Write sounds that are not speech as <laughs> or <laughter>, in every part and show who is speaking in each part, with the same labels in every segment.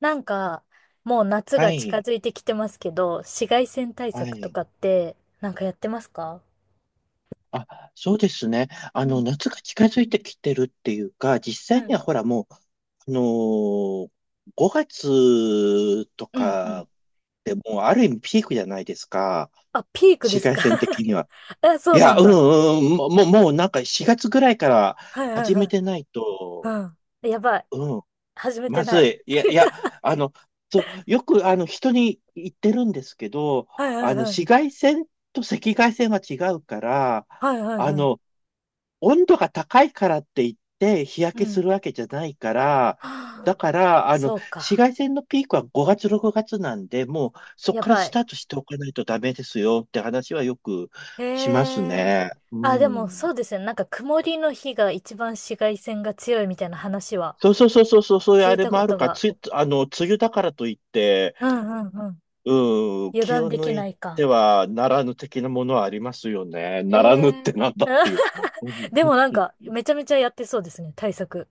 Speaker 1: なんか、もう夏
Speaker 2: は
Speaker 1: が近
Speaker 2: い、
Speaker 1: づいてきてますけど、紫外線対
Speaker 2: は
Speaker 1: 策と
Speaker 2: い。
Speaker 1: かって、なんかやってますか？
Speaker 2: あ、そうですね。
Speaker 1: うん。
Speaker 2: 夏が近づいてきてるっていうか、実
Speaker 1: う
Speaker 2: 際に
Speaker 1: ん。
Speaker 2: はほらもう、あのー、5月と
Speaker 1: うん、うん。
Speaker 2: かでもうある意味ピークじゃないですか。
Speaker 1: あ、ピーク
Speaker 2: 紫
Speaker 1: です
Speaker 2: 外
Speaker 1: か？
Speaker 2: 線的には。
Speaker 1: <laughs> あ、そ
Speaker 2: い
Speaker 1: うな
Speaker 2: や、
Speaker 1: ん
Speaker 2: う
Speaker 1: だ。
Speaker 2: ん、うん、もうなんか4月ぐらいから
Speaker 1: はいはい
Speaker 2: 始
Speaker 1: は
Speaker 2: め
Speaker 1: い。
Speaker 2: てないと、
Speaker 1: うん。やばい。
Speaker 2: うん、
Speaker 1: 始めて
Speaker 2: ま
Speaker 1: な
Speaker 2: ず
Speaker 1: い。
Speaker 2: い。いや、いや、あの、そう、よく、人に言ってるんですけど、
Speaker 1: はいはいは
Speaker 2: 紫
Speaker 1: い。
Speaker 2: 外線と赤外線は違うから、
Speaker 1: はいはい
Speaker 2: あ
Speaker 1: はい。
Speaker 2: の、温度が高いからって言って日焼
Speaker 1: う
Speaker 2: けす
Speaker 1: ん。
Speaker 2: るわけじゃないから、だ
Speaker 1: はあ。
Speaker 2: から、
Speaker 1: そう
Speaker 2: 紫
Speaker 1: か。
Speaker 2: 外線のピークは5月、6月なんで、もうそこ
Speaker 1: や
Speaker 2: から
Speaker 1: ば
Speaker 2: ス
Speaker 1: い。
Speaker 2: タートしておかないとダメですよって話はよく
Speaker 1: へ
Speaker 2: します
Speaker 1: え。
Speaker 2: ね。う
Speaker 1: あ、でも
Speaker 2: ん。
Speaker 1: そうですね。なんか曇りの日が一番紫外線が強いみたいな話は
Speaker 2: そうそうそうそうそう、そういう
Speaker 1: 聞
Speaker 2: あ
Speaker 1: い
Speaker 2: れ
Speaker 1: た
Speaker 2: も
Speaker 1: こ
Speaker 2: ある
Speaker 1: と
Speaker 2: か、
Speaker 1: が。
Speaker 2: つい、梅雨だからといって、
Speaker 1: うんうんうん。
Speaker 2: うん、
Speaker 1: 油
Speaker 2: 気
Speaker 1: 断
Speaker 2: を
Speaker 1: で
Speaker 2: 抜
Speaker 1: きな
Speaker 2: い
Speaker 1: い
Speaker 2: て
Speaker 1: か。
Speaker 2: はならぬ的なものはありますよね。
Speaker 1: え
Speaker 2: ならぬって
Speaker 1: え。
Speaker 2: なんだっていう。
Speaker 1: <laughs> でもなん
Speaker 2: <laughs>
Speaker 1: か、めちゃめちゃやってそうですね、対策。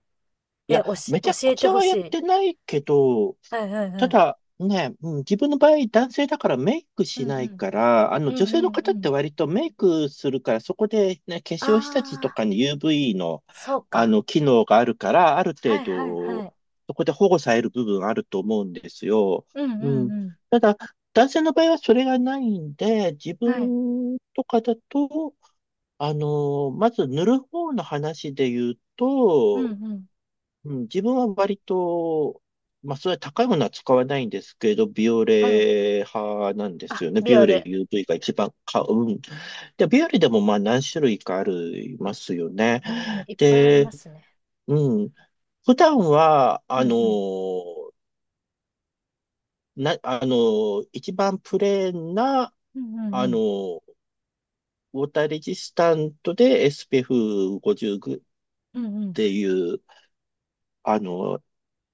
Speaker 2: い
Speaker 1: え、
Speaker 2: や、めち
Speaker 1: 教
Speaker 2: ゃく
Speaker 1: え
Speaker 2: ち
Speaker 1: て
Speaker 2: ゃ
Speaker 1: ほ
Speaker 2: は
Speaker 1: し
Speaker 2: やっ
Speaker 1: い。
Speaker 2: てないけど、
Speaker 1: はいはいは
Speaker 2: た
Speaker 1: い。
Speaker 2: だね、うん、自分の場合男性だからメイク
Speaker 1: う
Speaker 2: し
Speaker 1: んう
Speaker 2: ない
Speaker 1: ん。
Speaker 2: から、あ
Speaker 1: う
Speaker 2: の女
Speaker 1: ん
Speaker 2: 性
Speaker 1: う
Speaker 2: の
Speaker 1: んう
Speaker 2: 方って
Speaker 1: ん。
Speaker 2: 割とメイクするから、そこでね、化粧下地と
Speaker 1: ああ、
Speaker 2: かに UV の、
Speaker 1: そう
Speaker 2: あ
Speaker 1: か。
Speaker 2: の機能があるから、ある
Speaker 1: は
Speaker 2: 程
Speaker 1: いはいは
Speaker 2: 度、
Speaker 1: い。
Speaker 2: そこで保護される部分あると思うんですよ。
Speaker 1: うんう
Speaker 2: う
Speaker 1: ん
Speaker 2: ん。
Speaker 1: うん。
Speaker 2: ただ、男性の場合はそれがないんで、自
Speaker 1: はい。
Speaker 2: 分とかだと、まず塗る方の話で言う
Speaker 1: うん
Speaker 2: と、
Speaker 1: うん。
Speaker 2: うん、自分は割と、まあ、それは高いものは使わないんですけど、ビオ
Speaker 1: はい。
Speaker 2: レ派なんです
Speaker 1: あ、
Speaker 2: よね。
Speaker 1: ビ
Speaker 2: ビ
Speaker 1: オ
Speaker 2: オレ
Speaker 1: レ。
Speaker 2: UV が一番買う。うんで、ビオレでもまあ何種類かありますよね。
Speaker 1: うん、いっぱいありま
Speaker 2: で、
Speaker 1: すね。
Speaker 2: うん。普段は、
Speaker 1: うん
Speaker 2: あの
Speaker 1: うん。
Speaker 2: ー、な、あのー、一番プレーンな、
Speaker 1: うんうん
Speaker 2: あ
Speaker 1: う
Speaker 2: の
Speaker 1: ん。
Speaker 2: ー、ウォーターレジスタントで SPF50 っ
Speaker 1: うんうん。
Speaker 2: ていう、あのー、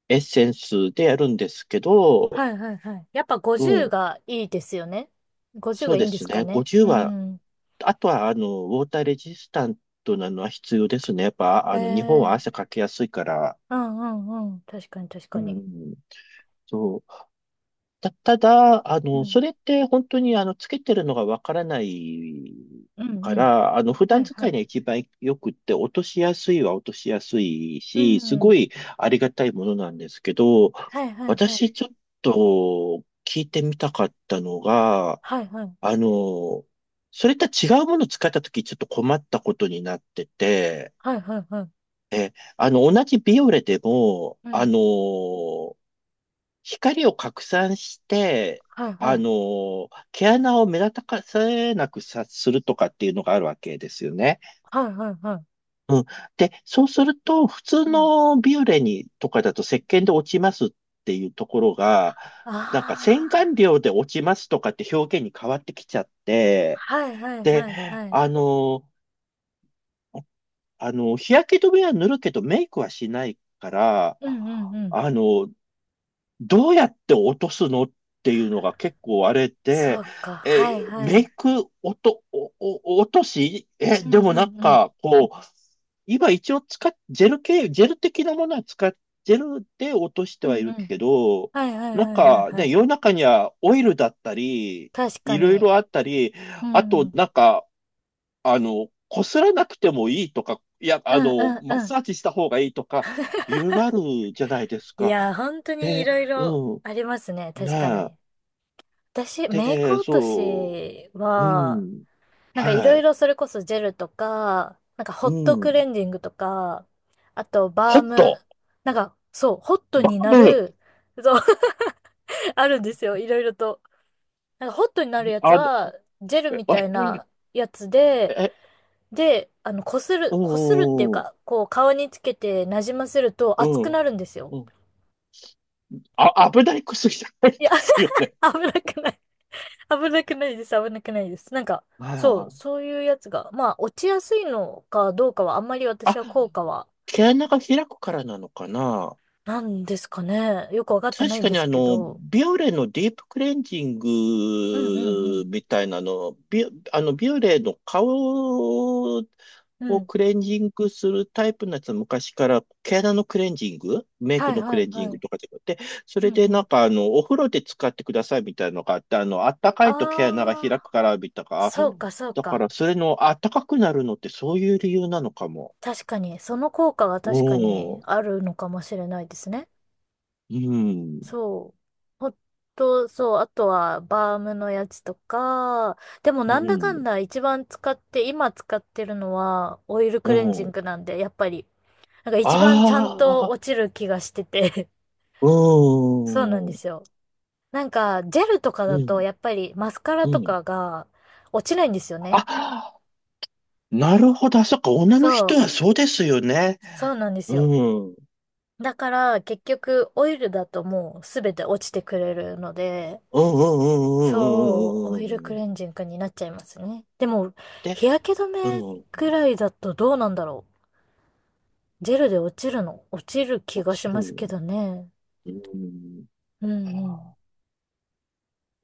Speaker 2: エッセンスでやるんですけど、
Speaker 1: はいはいはい。やっぱ
Speaker 2: う
Speaker 1: 50
Speaker 2: ん。
Speaker 1: がいいですよね。50
Speaker 2: そ
Speaker 1: が
Speaker 2: う
Speaker 1: いい
Speaker 2: で
Speaker 1: んで
Speaker 2: す
Speaker 1: すか
Speaker 2: ね。
Speaker 1: ね。う
Speaker 2: 50は、
Speaker 1: ん。
Speaker 2: あとは、ウォーターレジスタントなのは必要ですね。やっぱ、
Speaker 1: え
Speaker 2: 日本は汗
Speaker 1: え。
Speaker 2: かきやすいから、
Speaker 1: うんうんうん。確かに確
Speaker 2: う
Speaker 1: かに。
Speaker 2: ん、そうただ、
Speaker 1: うん。
Speaker 2: それって本当につけてるのがわからない
Speaker 1: うん
Speaker 2: か
Speaker 1: うん。
Speaker 2: ら、普
Speaker 1: は
Speaker 2: 段
Speaker 1: いは
Speaker 2: 使い
Speaker 1: い。
Speaker 2: には一番よくって、落としやすいは落としやすい
Speaker 1: う
Speaker 2: し、す
Speaker 1: ん。
Speaker 2: ごいありがたいものなんですけど、
Speaker 1: はいはいはい。
Speaker 2: 私ちょっと聞いてみたかったのが、
Speaker 1: はいはい。
Speaker 2: あの、それとは違うものを使ったときちょっと困ったことになってて、
Speaker 1: はいはいはい。
Speaker 2: え、同じビオレでも、
Speaker 1: うん。
Speaker 2: 光を拡散して、
Speaker 1: はいはい。
Speaker 2: 毛穴を目立たせなくさ、するとかっていうのがあるわけですよね。
Speaker 1: はいはいはい。
Speaker 2: うん。で、そうすると、普通
Speaker 1: うん。
Speaker 2: のビューレにとかだと石鹸で落ちますっていうところが、
Speaker 1: あ
Speaker 2: なんか洗顔
Speaker 1: あ。
Speaker 2: 料で落ちますとかって表現に変わってきちゃって、
Speaker 1: はいはいは
Speaker 2: で、
Speaker 1: いはい。
Speaker 2: あの、日焼け止めは塗るけどメイクはしないから、
Speaker 1: うんうんうん。
Speaker 2: あの、どうやって落とすのっていうのが結構あれ
Speaker 1: そ
Speaker 2: で、
Speaker 1: うか。は
Speaker 2: え
Speaker 1: い
Speaker 2: ー
Speaker 1: は
Speaker 2: メイ
Speaker 1: い。
Speaker 2: ク落と、おお落とし、え、
Speaker 1: う
Speaker 2: で
Speaker 1: んうん
Speaker 2: もなん
Speaker 1: うん。
Speaker 2: か、こう、今一応使っ、ジェル系、ジェル的なものは使っ、ジェルで落として
Speaker 1: う
Speaker 2: はい
Speaker 1: んう
Speaker 2: る
Speaker 1: ん。
Speaker 2: けど、
Speaker 1: はいはい
Speaker 2: なん
Speaker 1: はいはい
Speaker 2: か
Speaker 1: は
Speaker 2: ね、
Speaker 1: い。
Speaker 2: 世の中にはオイルだったり、
Speaker 1: 確か
Speaker 2: いろい
Speaker 1: に。
Speaker 2: ろあったり、
Speaker 1: う
Speaker 2: あ
Speaker 1: ん。う
Speaker 2: と
Speaker 1: ん
Speaker 2: なんか、こすらなくてもいいとか、いや、
Speaker 1: うん
Speaker 2: マ
Speaker 1: う
Speaker 2: ッ
Speaker 1: ん。
Speaker 2: サージした方がいいとか、いろいろあるじゃないです
Speaker 1: いやー、
Speaker 2: か。
Speaker 1: 本当にい
Speaker 2: で、
Speaker 1: ろいろ
Speaker 2: う
Speaker 1: ありますね。
Speaker 2: ん。
Speaker 1: 確か
Speaker 2: ね
Speaker 1: に。私、
Speaker 2: え。
Speaker 1: メイク
Speaker 2: で、
Speaker 1: 落と
Speaker 2: そ
Speaker 1: し
Speaker 2: う、
Speaker 1: は、
Speaker 2: うん、
Speaker 1: なんかい
Speaker 2: は
Speaker 1: ろい
Speaker 2: い、
Speaker 1: ろそれこそジェルとか、なんかホ
Speaker 2: う
Speaker 1: ットクレ
Speaker 2: ん。
Speaker 1: ンジングとか、あとバ
Speaker 2: ホ
Speaker 1: ー
Speaker 2: ット、
Speaker 1: ム、なんかそう、ホット
Speaker 2: バ
Speaker 1: にな
Speaker 2: ブ、
Speaker 1: る、そう。<laughs> あるんですよ、いろいろと。なんかホットになるやつ
Speaker 2: あの、
Speaker 1: は、ジェル
Speaker 2: え、
Speaker 1: みたいなやつ
Speaker 2: え、
Speaker 1: で、
Speaker 2: え
Speaker 1: で、あの、こす
Speaker 2: う
Speaker 1: る、こするっていう
Speaker 2: ん、う
Speaker 1: か、こう顔につけてなじませると熱く
Speaker 2: ん、
Speaker 1: なるんですよ。
Speaker 2: うん。あ、危ない薬じゃないで
Speaker 1: いや、
Speaker 2: すよね。
Speaker 1: <laughs> 危なくない。危なくないです、危なくないです。なんか、そう、
Speaker 2: あ
Speaker 1: そういうやつが、まあ、落ちやすいのかどうかは、あんまり
Speaker 2: あ。
Speaker 1: 私は
Speaker 2: あ、
Speaker 1: 効果は
Speaker 2: 毛穴が開くからなのかな。
Speaker 1: なんですかね。よくわかってな
Speaker 2: 確
Speaker 1: いん
Speaker 2: か
Speaker 1: で
Speaker 2: に
Speaker 1: すけど。
Speaker 2: ビオレのディープクレンジン
Speaker 1: うんう
Speaker 2: グ
Speaker 1: ん
Speaker 2: みたいなの、ビオレの顔
Speaker 1: うん。う
Speaker 2: を
Speaker 1: ん。
Speaker 2: クレンジングするタイプのやつは昔から毛穴のクレンジング、メイ
Speaker 1: は
Speaker 2: ク
Speaker 1: い
Speaker 2: のク
Speaker 1: は
Speaker 2: レ
Speaker 1: い
Speaker 2: ンジン
Speaker 1: は
Speaker 2: グ
Speaker 1: い。
Speaker 2: とかでって、そ
Speaker 1: う
Speaker 2: れ
Speaker 1: んう
Speaker 2: でなん
Speaker 1: ん。
Speaker 2: かお風呂で使ってくださいみたいなのがあって、あったか
Speaker 1: あ
Speaker 2: いと毛穴が開
Speaker 1: あ、
Speaker 2: くからみたいな、あ
Speaker 1: そうかそう
Speaker 2: だから
Speaker 1: か。
Speaker 2: それのあったかくなるのってそういう理由なのかも。
Speaker 1: 確かに、その効果が確か
Speaker 2: う
Speaker 1: に
Speaker 2: ん、
Speaker 1: あるのかもしれないですね。
Speaker 2: うん、
Speaker 1: そう。ほんと、そう。あとは、バームのやつとか。でも、
Speaker 2: う
Speaker 1: なんだか
Speaker 2: ん、
Speaker 1: んだ一番使って、今使ってるのは、オイル
Speaker 2: う
Speaker 1: クレンジン
Speaker 2: ん。
Speaker 1: グなんで、やっぱり、なんか一番ちゃんと
Speaker 2: ああ、
Speaker 1: 落ちる気がしてて。
Speaker 2: う
Speaker 1: <laughs> そうなんで
Speaker 2: ーん、
Speaker 1: すよ。なんか、ジェルとか
Speaker 2: う
Speaker 1: だと、
Speaker 2: ん、
Speaker 1: やっぱりマスカラ
Speaker 2: う
Speaker 1: と
Speaker 2: ん、
Speaker 1: かが落ちないんですよね。
Speaker 2: あ、なるほど。あ、そっか。女の
Speaker 1: そ
Speaker 2: 人
Speaker 1: う、
Speaker 2: はそうですよね。
Speaker 1: そうなんです
Speaker 2: う
Speaker 1: よ。
Speaker 2: ん、うん、
Speaker 1: だから、結局、オイルだともうすべて落ちてくれるので、
Speaker 2: うん、う
Speaker 1: そう、オ
Speaker 2: ん、うん、うん、うん、
Speaker 1: イル
Speaker 2: うん、
Speaker 1: ク
Speaker 2: うん、
Speaker 1: レンジングになっちゃいますね。でも、
Speaker 2: で、
Speaker 1: 日焼け止
Speaker 2: う
Speaker 1: め
Speaker 2: ん。
Speaker 1: くらいだとどうなんだろう。ジェルで落ちるの落ちる気
Speaker 2: も
Speaker 1: がし
Speaker 2: ちろ
Speaker 1: ますけ
Speaker 2: ん。
Speaker 1: どね。
Speaker 2: うん。
Speaker 1: うんうん。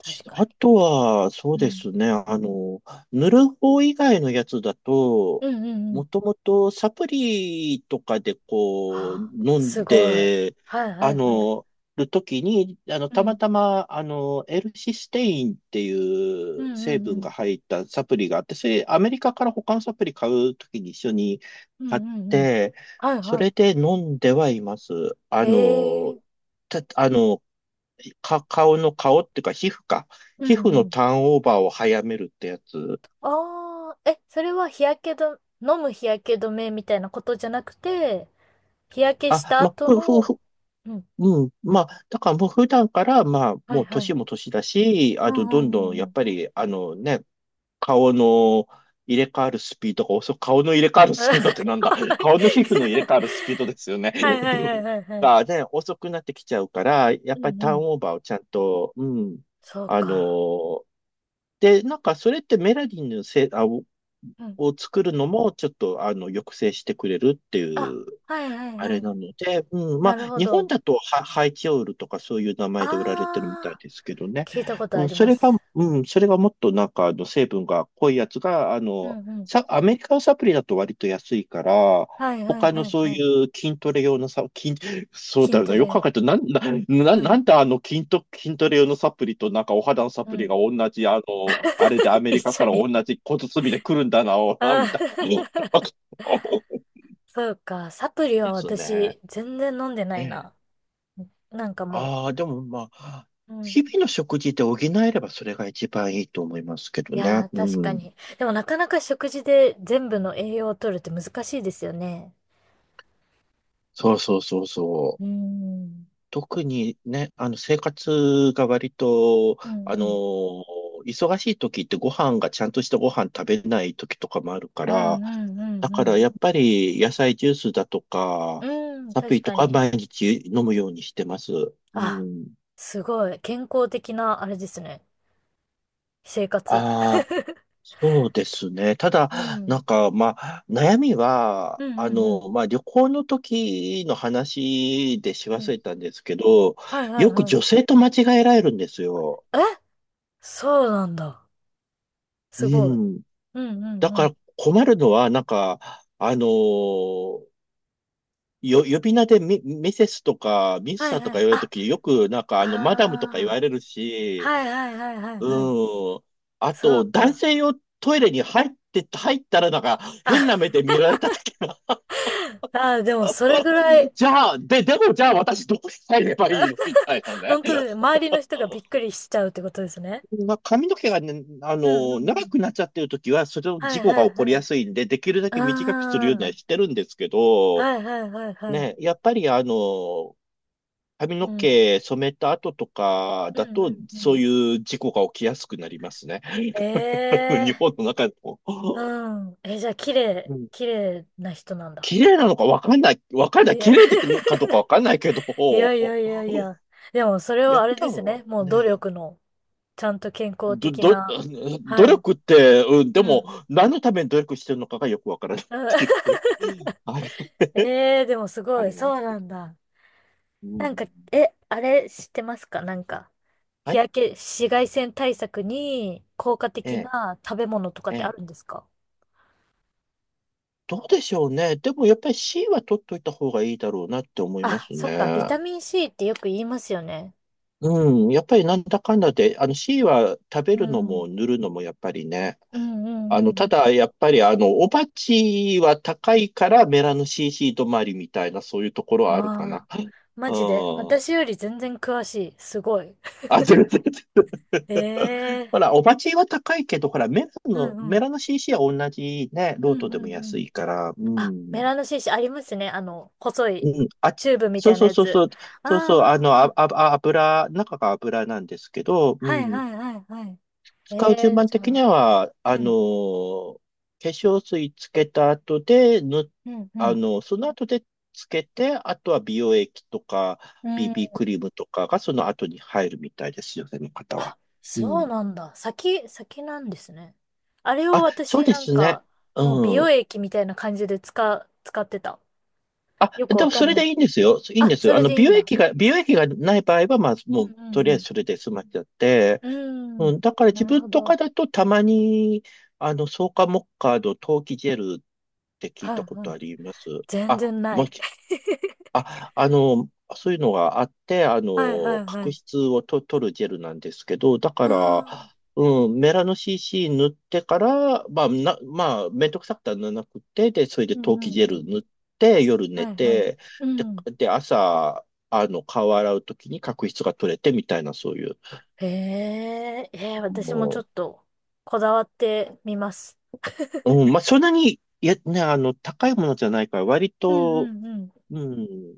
Speaker 2: し
Speaker 1: 確か
Speaker 2: あ
Speaker 1: に。
Speaker 2: とは、そ
Speaker 1: う
Speaker 2: うで
Speaker 1: ん。
Speaker 2: すね。塗る方以外のやつだと、
Speaker 1: うんうんう
Speaker 2: も
Speaker 1: ん。
Speaker 2: ともとサプリとかでこう、
Speaker 1: はあ、
Speaker 2: 飲
Speaker 1: す
Speaker 2: ん
Speaker 1: ごい。
Speaker 2: で、
Speaker 1: はいは
Speaker 2: あ
Speaker 1: いはい。
Speaker 2: の、るときに、
Speaker 1: う
Speaker 2: たま
Speaker 1: ん。
Speaker 2: たま、L システインってい
Speaker 1: う
Speaker 2: う
Speaker 1: んう
Speaker 2: 成
Speaker 1: んう
Speaker 2: 分
Speaker 1: ん。
Speaker 2: が入ったサプリがあって、それ、アメリカから他のサプリ買うときに一緒に
Speaker 1: うん
Speaker 2: 買っ
Speaker 1: うんうん。
Speaker 2: て、
Speaker 1: はい
Speaker 2: そ
Speaker 1: は
Speaker 2: れで飲んではいます。あ
Speaker 1: い。へ
Speaker 2: の、
Speaker 1: え。
Speaker 2: た、あの、か、顔っていうか皮膚か。
Speaker 1: うん
Speaker 2: 皮膚
Speaker 1: う
Speaker 2: の
Speaker 1: ん。
Speaker 2: ターンオーバーを早めるってやつ。
Speaker 1: ああ、え、それは日焼け止め、飲む日焼け止めみたいなことじゃなくて、日焼けし
Speaker 2: あ、
Speaker 1: た
Speaker 2: まあ、
Speaker 1: 後
Speaker 2: ふ、ふ、
Speaker 1: の、
Speaker 2: ふ、
Speaker 1: うん。
Speaker 2: うん。まあ、だからもう普段から、まあ、
Speaker 1: は
Speaker 2: も
Speaker 1: い
Speaker 2: う
Speaker 1: はい。
Speaker 2: 年も年だし、
Speaker 1: う
Speaker 2: あと、
Speaker 1: んう
Speaker 2: どんど
Speaker 1: ん
Speaker 2: ん、
Speaker 1: う
Speaker 2: や
Speaker 1: んう
Speaker 2: っ
Speaker 1: ん。
Speaker 2: ぱり、顔の入れ替わるスピードが遅く、顔の入れ替わるスピードって
Speaker 1: <laughs>
Speaker 2: なんだ <laughs> 顔の皮膚の入れ替わるスピードですよね。
Speaker 1: はいはいはいはいはい。
Speaker 2: がね、遅くなってきちゃうから、や
Speaker 1: う
Speaker 2: っぱり
Speaker 1: ん
Speaker 2: タ
Speaker 1: う
Speaker 2: ー
Speaker 1: ん。
Speaker 2: ンオーバーをちゃんと、うん、
Speaker 1: そう
Speaker 2: あ
Speaker 1: か。
Speaker 2: の、で、なんかそれってメラニンのせい、
Speaker 1: うん。
Speaker 2: を作るのもちょっと抑制してくれるってい
Speaker 1: あ、
Speaker 2: う
Speaker 1: はいはい
Speaker 2: あ
Speaker 1: は
Speaker 2: れ
Speaker 1: い。
Speaker 2: なので、うん、ま
Speaker 1: な
Speaker 2: あ、
Speaker 1: るほ
Speaker 2: 日本
Speaker 1: ど。
Speaker 2: だとハイチオールとかそういう名前で売られてるみたい
Speaker 1: ああ、
Speaker 2: ですけどね。
Speaker 1: 聞いたこと
Speaker 2: う
Speaker 1: あ
Speaker 2: ん、
Speaker 1: り
Speaker 2: そ
Speaker 1: ま
Speaker 2: れが、
Speaker 1: す。
Speaker 2: うん、それがもっとなんか、成分が濃いやつが、
Speaker 1: うんうん。
Speaker 2: アメリカのサプリだと割と安いから、
Speaker 1: はいはい
Speaker 2: 他の
Speaker 1: はい
Speaker 2: そうい
Speaker 1: はい。
Speaker 2: う筋トレ用のそうだ
Speaker 1: 筋
Speaker 2: よな、
Speaker 1: ト
Speaker 2: よく考
Speaker 1: レ。
Speaker 2: えると、
Speaker 1: う
Speaker 2: な
Speaker 1: ん。
Speaker 2: んで筋トレ用のサプリとなんかお肌のサプ
Speaker 1: う
Speaker 2: リが
Speaker 1: ん。
Speaker 2: 同じ、あれでア
Speaker 1: <laughs> <laughs>
Speaker 2: メリ
Speaker 1: 一
Speaker 2: カか
Speaker 1: 緒
Speaker 2: ら同
Speaker 1: に。
Speaker 2: じ小包で来るんだな、
Speaker 1: あ
Speaker 2: みたいな。
Speaker 1: ー。
Speaker 2: <laughs>
Speaker 1: <laughs> そうか。サプリ
Speaker 2: で
Speaker 1: は
Speaker 2: すね。
Speaker 1: 私、全然飲んでな
Speaker 2: え
Speaker 1: い
Speaker 2: え
Speaker 1: な。なんかも
Speaker 2: ああ、でもまあ、
Speaker 1: う。うん。
Speaker 2: 日々の食事で補えればそれが一番いいと思いますけど
Speaker 1: い
Speaker 2: ね。
Speaker 1: やー、
Speaker 2: う
Speaker 1: 確か
Speaker 2: ん。
Speaker 1: に。でもなかなか食事で全部の栄養を取るって難しいですよね。
Speaker 2: そうそうそうそ
Speaker 1: うー
Speaker 2: う。
Speaker 1: ん。
Speaker 2: 特にね、生活が割と、
Speaker 1: うん
Speaker 2: あの
Speaker 1: うん。
Speaker 2: ー忙しい時ってご飯がちゃんとしたご飯食べない時とかもあるか
Speaker 1: うん
Speaker 2: ら、
Speaker 1: うんう
Speaker 2: だ
Speaker 1: ん
Speaker 2: か
Speaker 1: う
Speaker 2: らやっぱり野菜ジュースだと
Speaker 1: ん。
Speaker 2: か、
Speaker 1: うん、
Speaker 2: サプ
Speaker 1: 確
Speaker 2: リと
Speaker 1: か
Speaker 2: か
Speaker 1: に。
Speaker 2: 毎日飲むようにしてます。う
Speaker 1: あ、
Speaker 2: ん。
Speaker 1: すごい。健康的な、あれですね。生活。
Speaker 2: あ
Speaker 1: <laughs>
Speaker 2: そうですね。た
Speaker 1: う
Speaker 2: だ、な
Speaker 1: ん。
Speaker 2: んか、まあ、悩みは、
Speaker 1: うんうんうん。
Speaker 2: まあ、旅行の時の話でし
Speaker 1: う
Speaker 2: 忘
Speaker 1: ん。
Speaker 2: れたんですけど、
Speaker 1: はいはい
Speaker 2: よく
Speaker 1: はい。
Speaker 2: 女性と間違えられるんですよ。
Speaker 1: え、そうなんだ。
Speaker 2: う
Speaker 1: すごい。
Speaker 2: ん。
Speaker 1: うんうん
Speaker 2: だ
Speaker 1: う
Speaker 2: から
Speaker 1: ん。
Speaker 2: 困るのは、なんか、あの、呼び名でミセスとか、ミス
Speaker 1: はい
Speaker 2: ターと
Speaker 1: は
Speaker 2: か
Speaker 1: い。
Speaker 2: 言われると
Speaker 1: あ、
Speaker 2: き、よく、なんか、
Speaker 1: あ
Speaker 2: マダムとか言わ
Speaker 1: あ。
Speaker 2: れるし、
Speaker 1: はいはいはいはいはい。
Speaker 2: うん。あ
Speaker 1: そう
Speaker 2: と、男
Speaker 1: か。
Speaker 2: 性用トイレに入って、入ったら、なんか、
Speaker 1: あ、
Speaker 2: 変な目で見られた時
Speaker 1: あー、でもそれぐらい、
Speaker 2: じゃあ、でもじゃあ私どう入ればいいのみたいなね。
Speaker 1: 本当に周りの人がびっくりしちゃうってことですね。
Speaker 2: まあ、髪の毛がね、
Speaker 1: うんうんう
Speaker 2: 長
Speaker 1: ん。
Speaker 2: くなっちゃってるときは、それの
Speaker 1: は
Speaker 2: 事
Speaker 1: い
Speaker 2: 故
Speaker 1: は
Speaker 2: が
Speaker 1: い
Speaker 2: 起
Speaker 1: は
Speaker 2: こりや
Speaker 1: い。
Speaker 2: すいんで、できるだけ短くするようには
Speaker 1: ああ。
Speaker 2: してるんですけど、
Speaker 1: はいはいはいはい。
Speaker 2: ね、やっぱり髪の
Speaker 1: うん。
Speaker 2: 毛染めた後とか
Speaker 1: う
Speaker 2: だ
Speaker 1: んう
Speaker 2: と、
Speaker 1: んう
Speaker 2: そう
Speaker 1: ん。
Speaker 2: いう事故が起きやすくなりますね。<laughs>
Speaker 1: え
Speaker 2: 日
Speaker 1: え
Speaker 2: 本の中でも。
Speaker 1: ー。うん。え、じゃあ、綺麗、
Speaker 2: うん
Speaker 1: 綺麗な人なんだ。
Speaker 2: 綺麗なのかわかんない、
Speaker 1: いや、
Speaker 2: 綺
Speaker 1: <laughs>
Speaker 2: 麗かどうかわかんないけど、
Speaker 1: いやいやいやいや。でも、それ
Speaker 2: いや、
Speaker 1: はあ
Speaker 2: 普
Speaker 1: れで
Speaker 2: 段
Speaker 1: すね。
Speaker 2: は
Speaker 1: もう努
Speaker 2: ね、
Speaker 1: 力の、ちゃんと健康
Speaker 2: ど、
Speaker 1: 的
Speaker 2: ど、
Speaker 1: な、
Speaker 2: <laughs> 努
Speaker 1: はい。
Speaker 2: 力って、うん、
Speaker 1: う
Speaker 2: でも、
Speaker 1: ん。
Speaker 2: 何のために努力してるのかがよくわからないっ
Speaker 1: うん。
Speaker 2: ていう <laughs> あれは
Speaker 1: <laughs> えー、でもす
Speaker 2: あ
Speaker 1: ごい、
Speaker 2: りま
Speaker 1: そう
Speaker 2: すけ
Speaker 1: な
Speaker 2: ど。
Speaker 1: んだ。
Speaker 2: う
Speaker 1: なん
Speaker 2: ん。
Speaker 1: か、え、あれ知ってますか？なんか、
Speaker 2: は
Speaker 1: 日
Speaker 2: い。
Speaker 1: 焼け、紫外線対策に効果
Speaker 2: え
Speaker 1: 的
Speaker 2: え、
Speaker 1: な食べ物とかっ
Speaker 2: え
Speaker 1: てあ
Speaker 2: え。
Speaker 1: るんですか？
Speaker 2: どうでしょうね。でも、やっぱり C は取っといた方がいいだろうなって思いま
Speaker 1: あ、
Speaker 2: す
Speaker 1: そっか、ビタ
Speaker 2: ね。
Speaker 1: ミン C ってよく言いますよね。
Speaker 2: うん。やっぱりなんだかんだで、あの C は食べ
Speaker 1: う
Speaker 2: るのも
Speaker 1: ん。
Speaker 2: 塗るのもやっぱりね。
Speaker 1: うんうんう
Speaker 2: た
Speaker 1: ん。
Speaker 2: だ、やっぱりおばちは高いからメラノ CC 止まりみたいな、そういうところはあるか
Speaker 1: あ
Speaker 2: な。
Speaker 1: あ、
Speaker 2: う
Speaker 1: マジで、
Speaker 2: ん。
Speaker 1: 私より全然詳しい。すごい。<laughs>
Speaker 2: あ、全然、全然 <laughs>
Speaker 1: ええ。
Speaker 2: ほら、お鉢は高いけど、ほら、
Speaker 1: うんう
Speaker 2: メ
Speaker 1: ん。
Speaker 2: ラの CC は同じね、
Speaker 1: う
Speaker 2: ロー
Speaker 1: ん
Speaker 2: ト
Speaker 1: う
Speaker 2: でも
Speaker 1: んう
Speaker 2: 安
Speaker 1: ん。
Speaker 2: いから、う
Speaker 1: あ、メ
Speaker 2: ん。
Speaker 1: ラノシーシありますね。あの、細い
Speaker 2: うん、
Speaker 1: チューブみ
Speaker 2: そ
Speaker 1: た
Speaker 2: う
Speaker 1: いな
Speaker 2: そう
Speaker 1: や
Speaker 2: そう
Speaker 1: つ。
Speaker 2: そう、
Speaker 1: ああ、
Speaker 2: そうそう、あの、あ、
Speaker 1: あ
Speaker 2: あ、
Speaker 1: あ。
Speaker 2: あ油、中が油なんですけど、う
Speaker 1: はい
Speaker 2: ん。
Speaker 1: はいはいはい。
Speaker 2: 使う
Speaker 1: え
Speaker 2: 順
Speaker 1: ー、
Speaker 2: 番
Speaker 1: じ
Speaker 2: 的
Speaker 1: ゃ
Speaker 2: に
Speaker 1: あ、
Speaker 2: は、
Speaker 1: うん、
Speaker 2: 化粧水つけた後で、ぬ、
Speaker 1: うん、う
Speaker 2: あ
Speaker 1: ん、
Speaker 2: の、その後でつけて、あとは美容液とか、
Speaker 1: うん。
Speaker 2: BB クリームとかがその後に入るみたいですよね、の方
Speaker 1: あ、
Speaker 2: は。う
Speaker 1: そう
Speaker 2: ん。
Speaker 1: なんだ。先なんですね。あれを
Speaker 2: あ、そう
Speaker 1: 私
Speaker 2: で
Speaker 1: なん
Speaker 2: すね。
Speaker 1: か、もう美
Speaker 2: う
Speaker 1: 容
Speaker 2: ん。
Speaker 1: 液みたいな感じで使ってた。
Speaker 2: あ、
Speaker 1: よく
Speaker 2: で
Speaker 1: わ
Speaker 2: も
Speaker 1: か
Speaker 2: そ
Speaker 1: ん
Speaker 2: れ
Speaker 1: な
Speaker 2: で
Speaker 1: い。
Speaker 2: いいんですよ。いいん
Speaker 1: あ、
Speaker 2: です
Speaker 1: そ
Speaker 2: よ。
Speaker 1: れでいいんだ。
Speaker 2: 美容液がない場合は、まあ、
Speaker 1: う
Speaker 2: もう、とりあ
Speaker 1: んう
Speaker 2: えず
Speaker 1: ん
Speaker 2: それで済ましちゃって。
Speaker 1: うん。うー
Speaker 2: う
Speaker 1: ん、
Speaker 2: ん、だから
Speaker 1: な
Speaker 2: 自
Speaker 1: る
Speaker 2: 分
Speaker 1: ほ
Speaker 2: とか
Speaker 1: ど。
Speaker 2: だとたまに、草加モッカード、陶器ジェルって聞い
Speaker 1: は
Speaker 2: た
Speaker 1: い
Speaker 2: こ
Speaker 1: は
Speaker 2: と
Speaker 1: い。
Speaker 2: あります。
Speaker 1: 全
Speaker 2: あ、
Speaker 1: 然な
Speaker 2: もう、
Speaker 1: い。<laughs>
Speaker 2: あ、そういうのがあって、
Speaker 1: はいはいは
Speaker 2: 角
Speaker 1: い。
Speaker 2: 質を取るジェルなんですけど、だ
Speaker 1: あ
Speaker 2: から、
Speaker 1: ー。
Speaker 2: うん、メラノ CC 塗ってから、まあ、まあ、めんどくさくて塗らなくて、で、それ
Speaker 1: う
Speaker 2: で陶
Speaker 1: んう
Speaker 2: 器
Speaker 1: ん
Speaker 2: ジェ
Speaker 1: う
Speaker 2: ル
Speaker 1: ん。
Speaker 2: 塗って、夜寝
Speaker 1: はいはい。
Speaker 2: て、
Speaker 1: う
Speaker 2: で、
Speaker 1: ん。
Speaker 2: で、朝、顔洗うときに角質が取れてみたいな、そういう。
Speaker 1: へえ、えー、私もちょ
Speaker 2: も
Speaker 1: っとこだわってみます。
Speaker 2: ううんまあ、そんなに、いや、ね、高いものじゃないから、割
Speaker 1: うんう
Speaker 2: と、
Speaker 1: んうん
Speaker 2: うん、